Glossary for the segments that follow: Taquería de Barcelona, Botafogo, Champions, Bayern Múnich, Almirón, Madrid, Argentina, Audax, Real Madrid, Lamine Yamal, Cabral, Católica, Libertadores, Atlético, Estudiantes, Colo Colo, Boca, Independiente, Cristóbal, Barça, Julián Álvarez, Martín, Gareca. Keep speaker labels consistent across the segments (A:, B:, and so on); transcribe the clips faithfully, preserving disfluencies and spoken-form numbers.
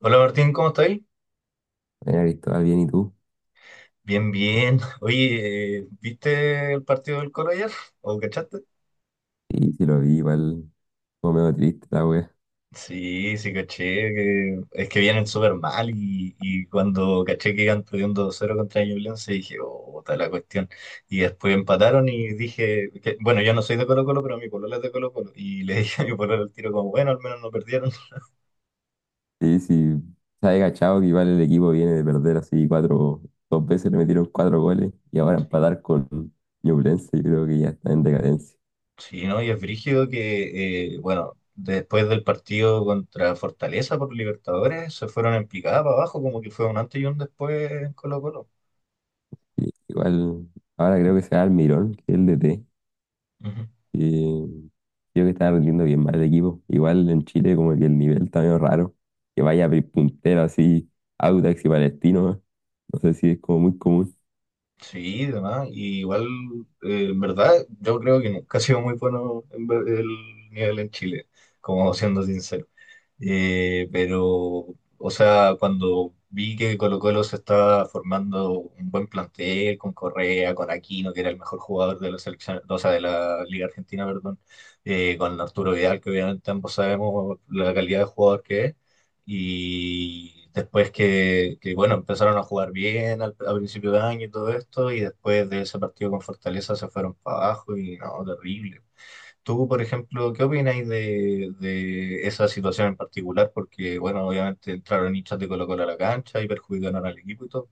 A: Hola Martín, ¿cómo estáis?
B: Eh, Cristóbal, bien, ¿y tú?
A: Bien, bien. Oye, eh, ¿viste el partido del Coro ayer? ¿O cachaste?
B: Sí, sí lo vi, igual como medio triste la wea.
A: Sí, sí, caché. Que- es que vienen súper mal y, y cuando caché que iban perdiendo dos cero contra Ñublense dije, oh, está la cuestión. Y después empataron y dije, que- bueno, yo no soy de Colo Colo, pero mi polola es de Colo Colo. Y le dije a mi polola al tiro como, bueno, al menos no perdieron.
B: Sí, sí, sabe cachado que igual el equipo viene de perder así cuatro, dos veces le metieron cuatro goles y ahora empatar con Ñublense, yo creo que ya está en decadencia.
A: Sí, ¿no? Y es brígido que, eh, bueno, después del partido contra Fortaleza por Libertadores, se fueron en picada para abajo, como que fue un antes y un después en Colo-Colo.
B: Y igual, ahora creo que será Almirón, que es el D T,
A: Ujú.
B: y creo que está rindiendo bien mal el equipo. Igual en Chile como que el nivel está medio raro, que vaya pri- puntero así, Audax y Palestino, ¿no? No sé si es como muy común.
A: Sí, demás. Y igual, eh, en verdad, yo creo que nunca ha sido muy bueno en ver- el nivel en Chile, como siendo sincero. Eh, pero, o sea, cuando vi que Colo-Colo se estaba formando un buen plantel con Correa, con Aquino, que era el mejor jugador de la selección, o sea, de la Liga Argentina, perdón, eh, con Arturo Vidal, que obviamente ambos sabemos la calidad de jugador que es, y después que, que, bueno, empezaron a jugar bien al, a principio de año y todo esto, y después de ese partido con Fortaleza se fueron para abajo y no, terrible. Tú, por ejemplo, ¿qué opináis de, de esa situación en particular? Porque, bueno, obviamente entraron hinchas de Colo-Colo a la cancha y perjudicaron al equipo y todo.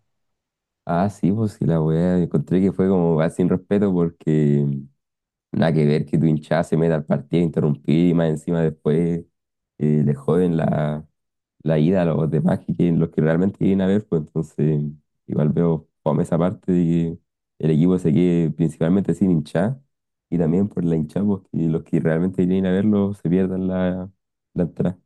B: Ah, sí, pues sí, la weá. Encontré que fue como va sin respeto porque nada que ver que tu hinchada se meta al partido, interrumpir y más encima después eh, le joden la, la ida a los demás que quieren- los que realmente quieren a ver, pues entonces igual veo fome esa parte de que el equipo se quede principalmente sin hinchada y también por la hinchada, pues que los que realmente quieren a verlo se pierdan la, la entrada.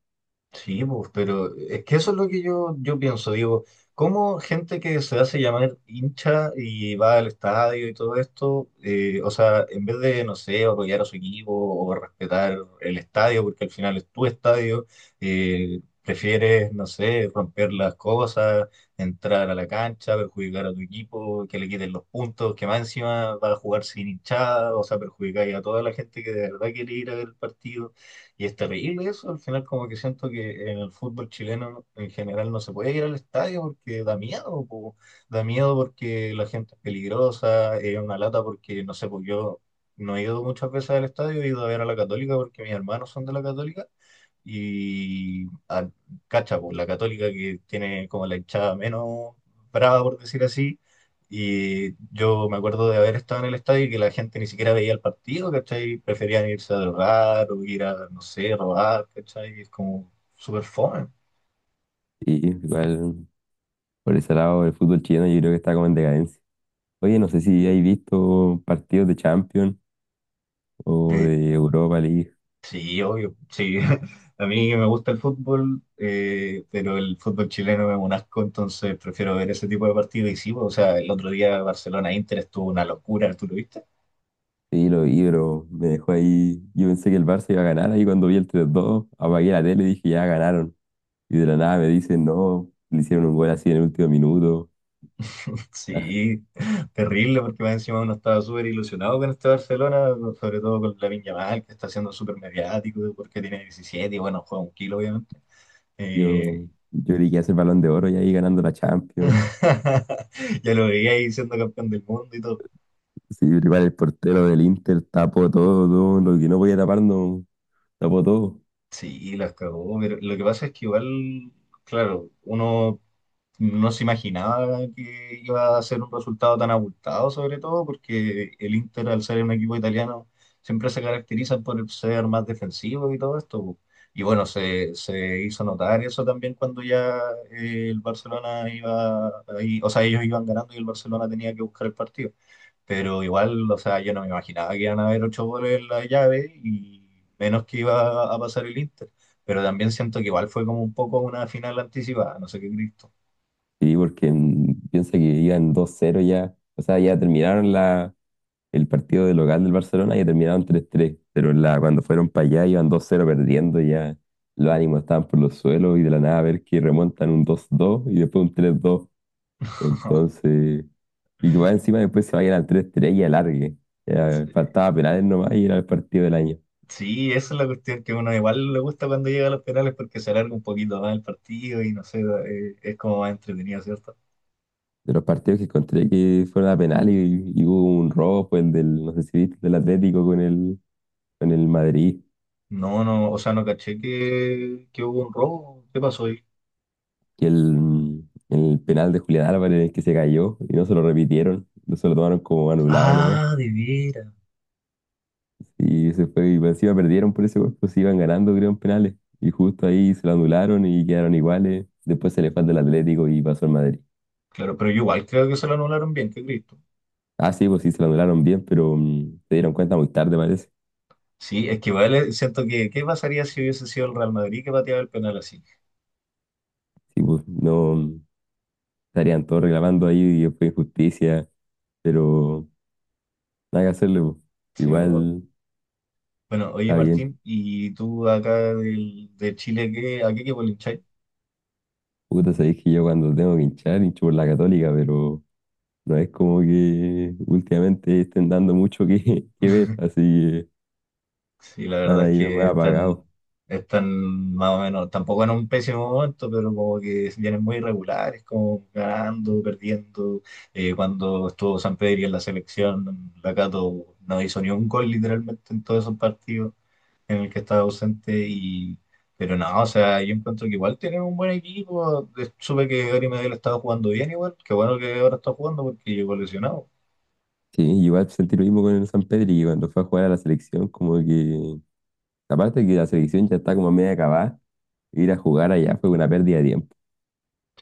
A: Sí, pues, pero es que eso es lo que yo, yo pienso. Digo, ¿cómo gente que se hace llamar hincha y va al estadio y todo esto, eh, o sea, en vez de, no sé, apoyar a su equipo o respetar el estadio, porque al final es tu estadio, eh, prefieres, no sé, romper las cosas, entrar a la cancha, perjudicar a tu equipo, que le quiten los puntos, que más encima va a jugar sin hinchada, o sea, perjudicar a toda la gente que de verdad quiere ir a ver el partido. Y es terrible eso, al final como que siento que en el fútbol chileno en general no se puede ir al estadio porque da miedo, po. Da miedo porque la gente es peligrosa, es una lata porque, no sé, pues yo no he ido muchas veces al estadio, he ido a ver a la Católica porque mis hermanos son de la Católica y ah, cacha, pues, la Católica que tiene como la hinchada menos brava, por decir así. Y yo me acuerdo de haber estado en el estadio y que la gente ni siquiera veía el partido, ¿cachai? Preferían irse a drogar o ir a, no sé, robar, ¿cachai? Es como súper fome.
B: Y igual por ese lado el fútbol chileno yo creo que está como en decadencia. Oye, no sé si hay visto partidos de Champions o
A: Eh,
B: de Europa League.
A: sí, obvio, sí. A mí me gusta el fútbol, eh, pero el fútbol chileno es un asco, entonces prefiero ver ese tipo de partidos. Y sí, pues, o sea, el otro día Barcelona-Inter estuvo una locura, ¿tú lo viste?
B: Sí, lo vi, pero me dejó ahí. Yo pensé que el Barça iba a ganar ahí cuando vi el tres dos, apagué la tele y dije, ya ganaron. Y de la nada me dicen, no, le hicieron un gol así en el último minuto.
A: Sí, terrible, porque más encima uno estaba súper ilusionado con este Barcelona, sobre todo con Lamine Yamal, que está siendo súper mediático, porque tiene diecisiete y bueno, juega un kilo, obviamente.
B: Yo,
A: Eh,
B: yo
A: y-
B: creí que hace el Balón de Oro y ahí ganando la Champions.
A: ya lo veía ahí siendo campeón del mundo y todo.
B: Sí, pero igual el portero del Inter tapó todo, todo lo que no podía tapar, no tapó todo.
A: Sí, las cagó, pero lo que pasa es que igual, claro, uno no se imaginaba que iba a ser un resultado tan abultado, sobre todo porque el Inter, al ser un equipo italiano, siempre se caracteriza por ser más defensivo y todo esto, po. Y bueno, se, se hizo notar eso también cuando ya eh, el Barcelona iba ahí, o sea, ellos iban ganando y el Barcelona tenía que buscar el partido. Pero igual, o sea, yo no me imaginaba que iban a haber ocho goles en la llave y menos que iba a pasar el Inter. Pero también siento que igual fue como un poco una final anticipada, no sé qué Cristo.
B: Sí, porque mm, piensa que iban dos cero ya. O sea, ya terminaron la el partido del local del Barcelona y terminaron tres tres pero en la, cuando fueron para allá iban dos cero perdiendo, ya los ánimos estaban por los suelos y de la nada ver que remontan un dos dos y después un tres dos. Entonces, y que más encima después se vayan al tres tres y alargue. Ya
A: Sí,
B: faltaba penales nomás y era el partido del año.
A: Sí, esa es la cuestión que uno igual le gusta cuando llega a los penales porque se alarga un poquito más el partido y no sé, eh, es como más entretenido, ¿cierto?
B: De los partidos que encontré que fueron a penales y, y hubo un rojo, el del, no sé si viste, el del Atlético con el, con el Madrid.
A: No, no, o sea, no caché que, que hubo un robo. ¿Qué pasó ahí?
B: Que el, el penal de Julián Álvarez en el que se cayó y no se lo repitieron, no se lo tomaron como anulado nomás.
A: Ah, de veras.
B: Y se fue, y encima perdieron por ese gol, pues se iban ganando, creo, en penales. Y justo ahí se lo anularon y quedaron iguales. Después se le falta el Atlético y pasó al Madrid.
A: Claro, pero yo igual creo que se lo anularon bien, qué Cristo.
B: Ah, sí, pues sí, se lo anularon bien, pero mm, se dieron cuenta muy tarde, parece.
A: Sí, es que igual eh, siento que, ¿qué pasaría si hubiese sido el Real Madrid que pateaba el penal así?
B: Sí, pues no, mm, estarían todos reclamando ahí y fue injusticia, pero nada que hacerle, pues.
A: Sí, o-
B: Igual
A: bueno, oye
B: está bien.
A: Martín, ¿y tú acá del, de Chile, qué, a qué equipo le hincháis?
B: Puta, sabéis que yo cuando tengo que hinchar, hincho por la Católica, pero no es como que últimamente estén dando mucho que, que ver, así que
A: Sí, la
B: están
A: verdad es
B: ahí más
A: que están,
B: apagados.
A: están más o menos, tampoco en un pésimo momento, pero como que vienen muy irregulares, como ganando, perdiendo. Eh, cuando estuvo San Pedri en la selección, la Cato no hizo ni un gol literalmente en todos esos partidos en el que estaba ausente. Y, pero no, o sea, yo encuentro que igual tienen un buen equipo. Eh, Supe que Gary Medel estaba jugando bien igual, qué bueno que ahora está jugando porque llegó lesionado.
B: Sí, igual sentí lo mismo con el San Pedro y cuando fue a jugar a la selección, como que, aparte de que la selección ya está como a media acabada, ir a jugar allá fue una pérdida de tiempo.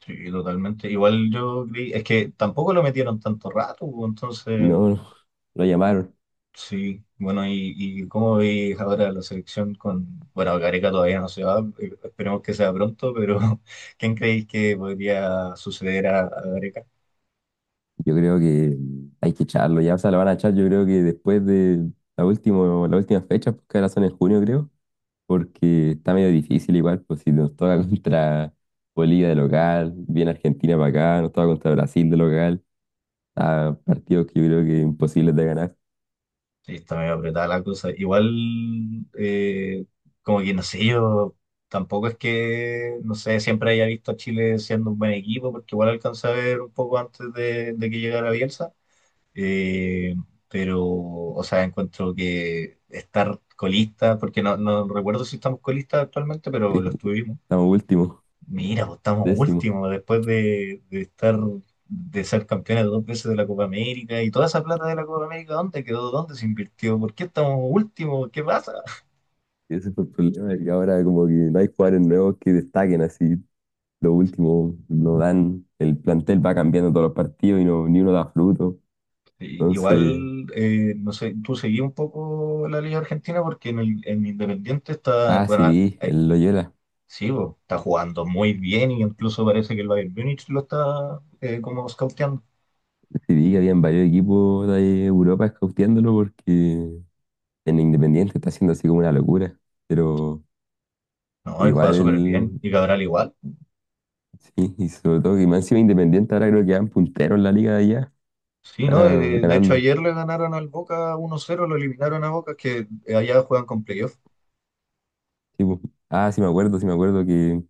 A: Sí, totalmente. Igual yo creí, es que tampoco lo metieron tanto rato, pues, entonces,
B: No, no, lo llamaron.
A: sí, bueno, y, y cómo veis ahora la selección con, bueno, Gareca todavía no se va, eh, esperemos que sea pronto, pero ¿quién creéis que podría suceder a, a Gareca?
B: Yo creo que hay que echarlo, ya, o sea, lo van a echar yo creo que después de la última, la última fecha, porque ahora son en junio, creo. Porque está medio difícil igual, pues si nos toca contra Bolivia de local, viene Argentina para acá, nos toca contra Brasil de local, a partidos que yo creo que imposibles de ganar.
A: Sí, está medio apretada la cosa. Igual, eh, como que no sé, yo tampoco es que, no sé, siempre haya visto a Chile siendo un buen equipo, porque igual alcancé a ver un poco antes de, de que llegara Bielsa. Eh, pero, o sea, encuentro que estar colista, porque no, no recuerdo si estamos colistas actualmente, pero
B: Sí,
A: lo estuvimos.
B: estamos últimos,
A: Mira, pues estamos
B: décimos.
A: últimos después de, de estar, de ser campeones dos veces de la Copa América y toda esa plata de la Copa América, ¿dónde quedó? ¿Dónde se invirtió? ¿Por qué estamos últimos? ¿Qué pasa?
B: Y ese fue el problema, que ahora como que no hay jugadores nuevos que destaquen así. Los últimos no dan, el plantel va cambiando todos los partidos y no, ni uno da fruto.
A: Y-
B: Entonces,
A: Igual, eh, no sé, tú seguí un poco la Liga Argentina porque en, el, en Independiente está,
B: ah, sí
A: bueno,
B: vi, el Loyola,
A: sí, bo, está jugando muy bien y incluso parece que el Bayern Múnich lo está eh, como scouteando.
B: sí vi que habían varios equipos de Europa escauteándolo porque en Independiente está haciendo así como una locura, pero
A: No, y juega
B: igual,
A: súper bien.
B: el-
A: Y Cabral igual.
B: sí, y sobre todo que más encima Independiente ahora creo que van punteros en la liga de allá,
A: Sí,
B: están
A: ¿no?
B: ah,
A: Eh, de hecho,
B: ganando.
A: ayer le ganaron al Boca uno cero, lo eliminaron a Boca, que eh, allá juegan con playoff.
B: Sí, po. Ah, sí me acuerdo, sí me acuerdo que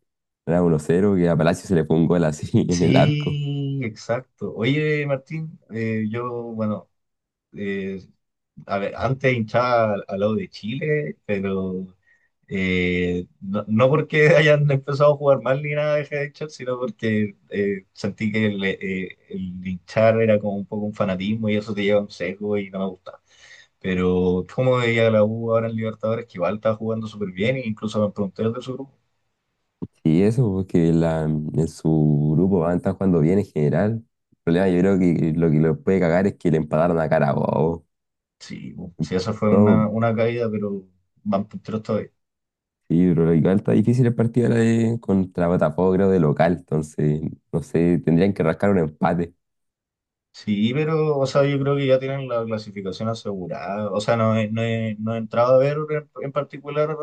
B: era uno cero que a Palacio se le fue un gol así en el arco.
A: Sí, exacto. Oye, Martín, eh, yo, bueno, eh, a ver, antes hinchaba al, al lado de Chile, pero Eh, no, no porque hayan empezado a jugar mal ni nada de hinchar, sino porque eh, sentí que el, eh, el hinchar era como un poco un fanatismo y eso te lleva a un sesgo y no me gusta. Pero como veía la U ahora en Libertadores, que igual estaba jugando súper bien, e incluso van punteros de su grupo.
B: Y eso, porque la, en su grupo van a estar jugando bien en general. El problema yo creo que lo que los puede cagar es que le empataron a Carabobo.
A: Sí, bu, sí, esa fue una,
B: Todo.
A: una caída, pero van punteros todavía.
B: Sí, pero igual está difícil el partido ahora de- contra Botafogo, creo, de local. Entonces, no sé, tendrían que rascar un empate.
A: Sí, pero, o sea, yo creo que ya tienen la clasificación asegurada. O sea, no, he- no, he, no he entrado a ver en, en particular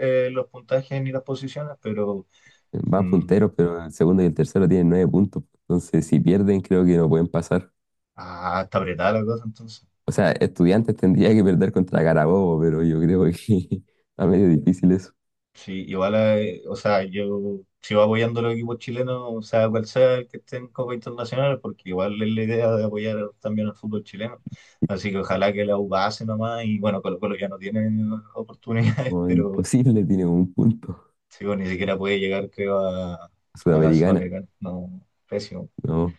A: eh, los puntajes ni las posiciones, pero
B: Van
A: Mm.
B: punteros, pero el segundo y el tercero tienen nueve puntos. Entonces, si pierden, creo que no pueden pasar.
A: Ah, está apretada la cosa entonces.
B: O sea, Estudiantes tendría que perder contra Carabobo, pero yo creo que está medio difícil eso.
A: Sí, igual, eh, o sea, yo sigo apoyando a los equipos chilenos, o sea, cual sea el que esté en Copa Internacional, porque igual es la idea de apoyar también al fútbol chileno. Así que ojalá que la U pase nomás, y bueno, Colo Colo ya no tiene oportunidades,
B: O
A: pero
B: imposible, tiene un punto.
A: sí, bueno, ni siquiera puede llegar, creo, a, a la
B: Sudamericana,
A: Sudamericana. No, pésimo.
B: ¿no?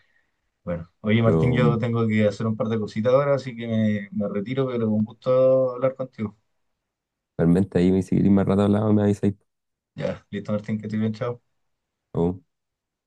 A: Bueno, oye Martín,
B: Pero
A: yo
B: mm,
A: tengo que hacer un par de cositas ahora, así que me, me retiro, pero un gusto hablar contigo.
B: realmente ahí me seguiría más rato hablando, me avisáis.
A: Ya, listo Martín, que estoy bien, chao.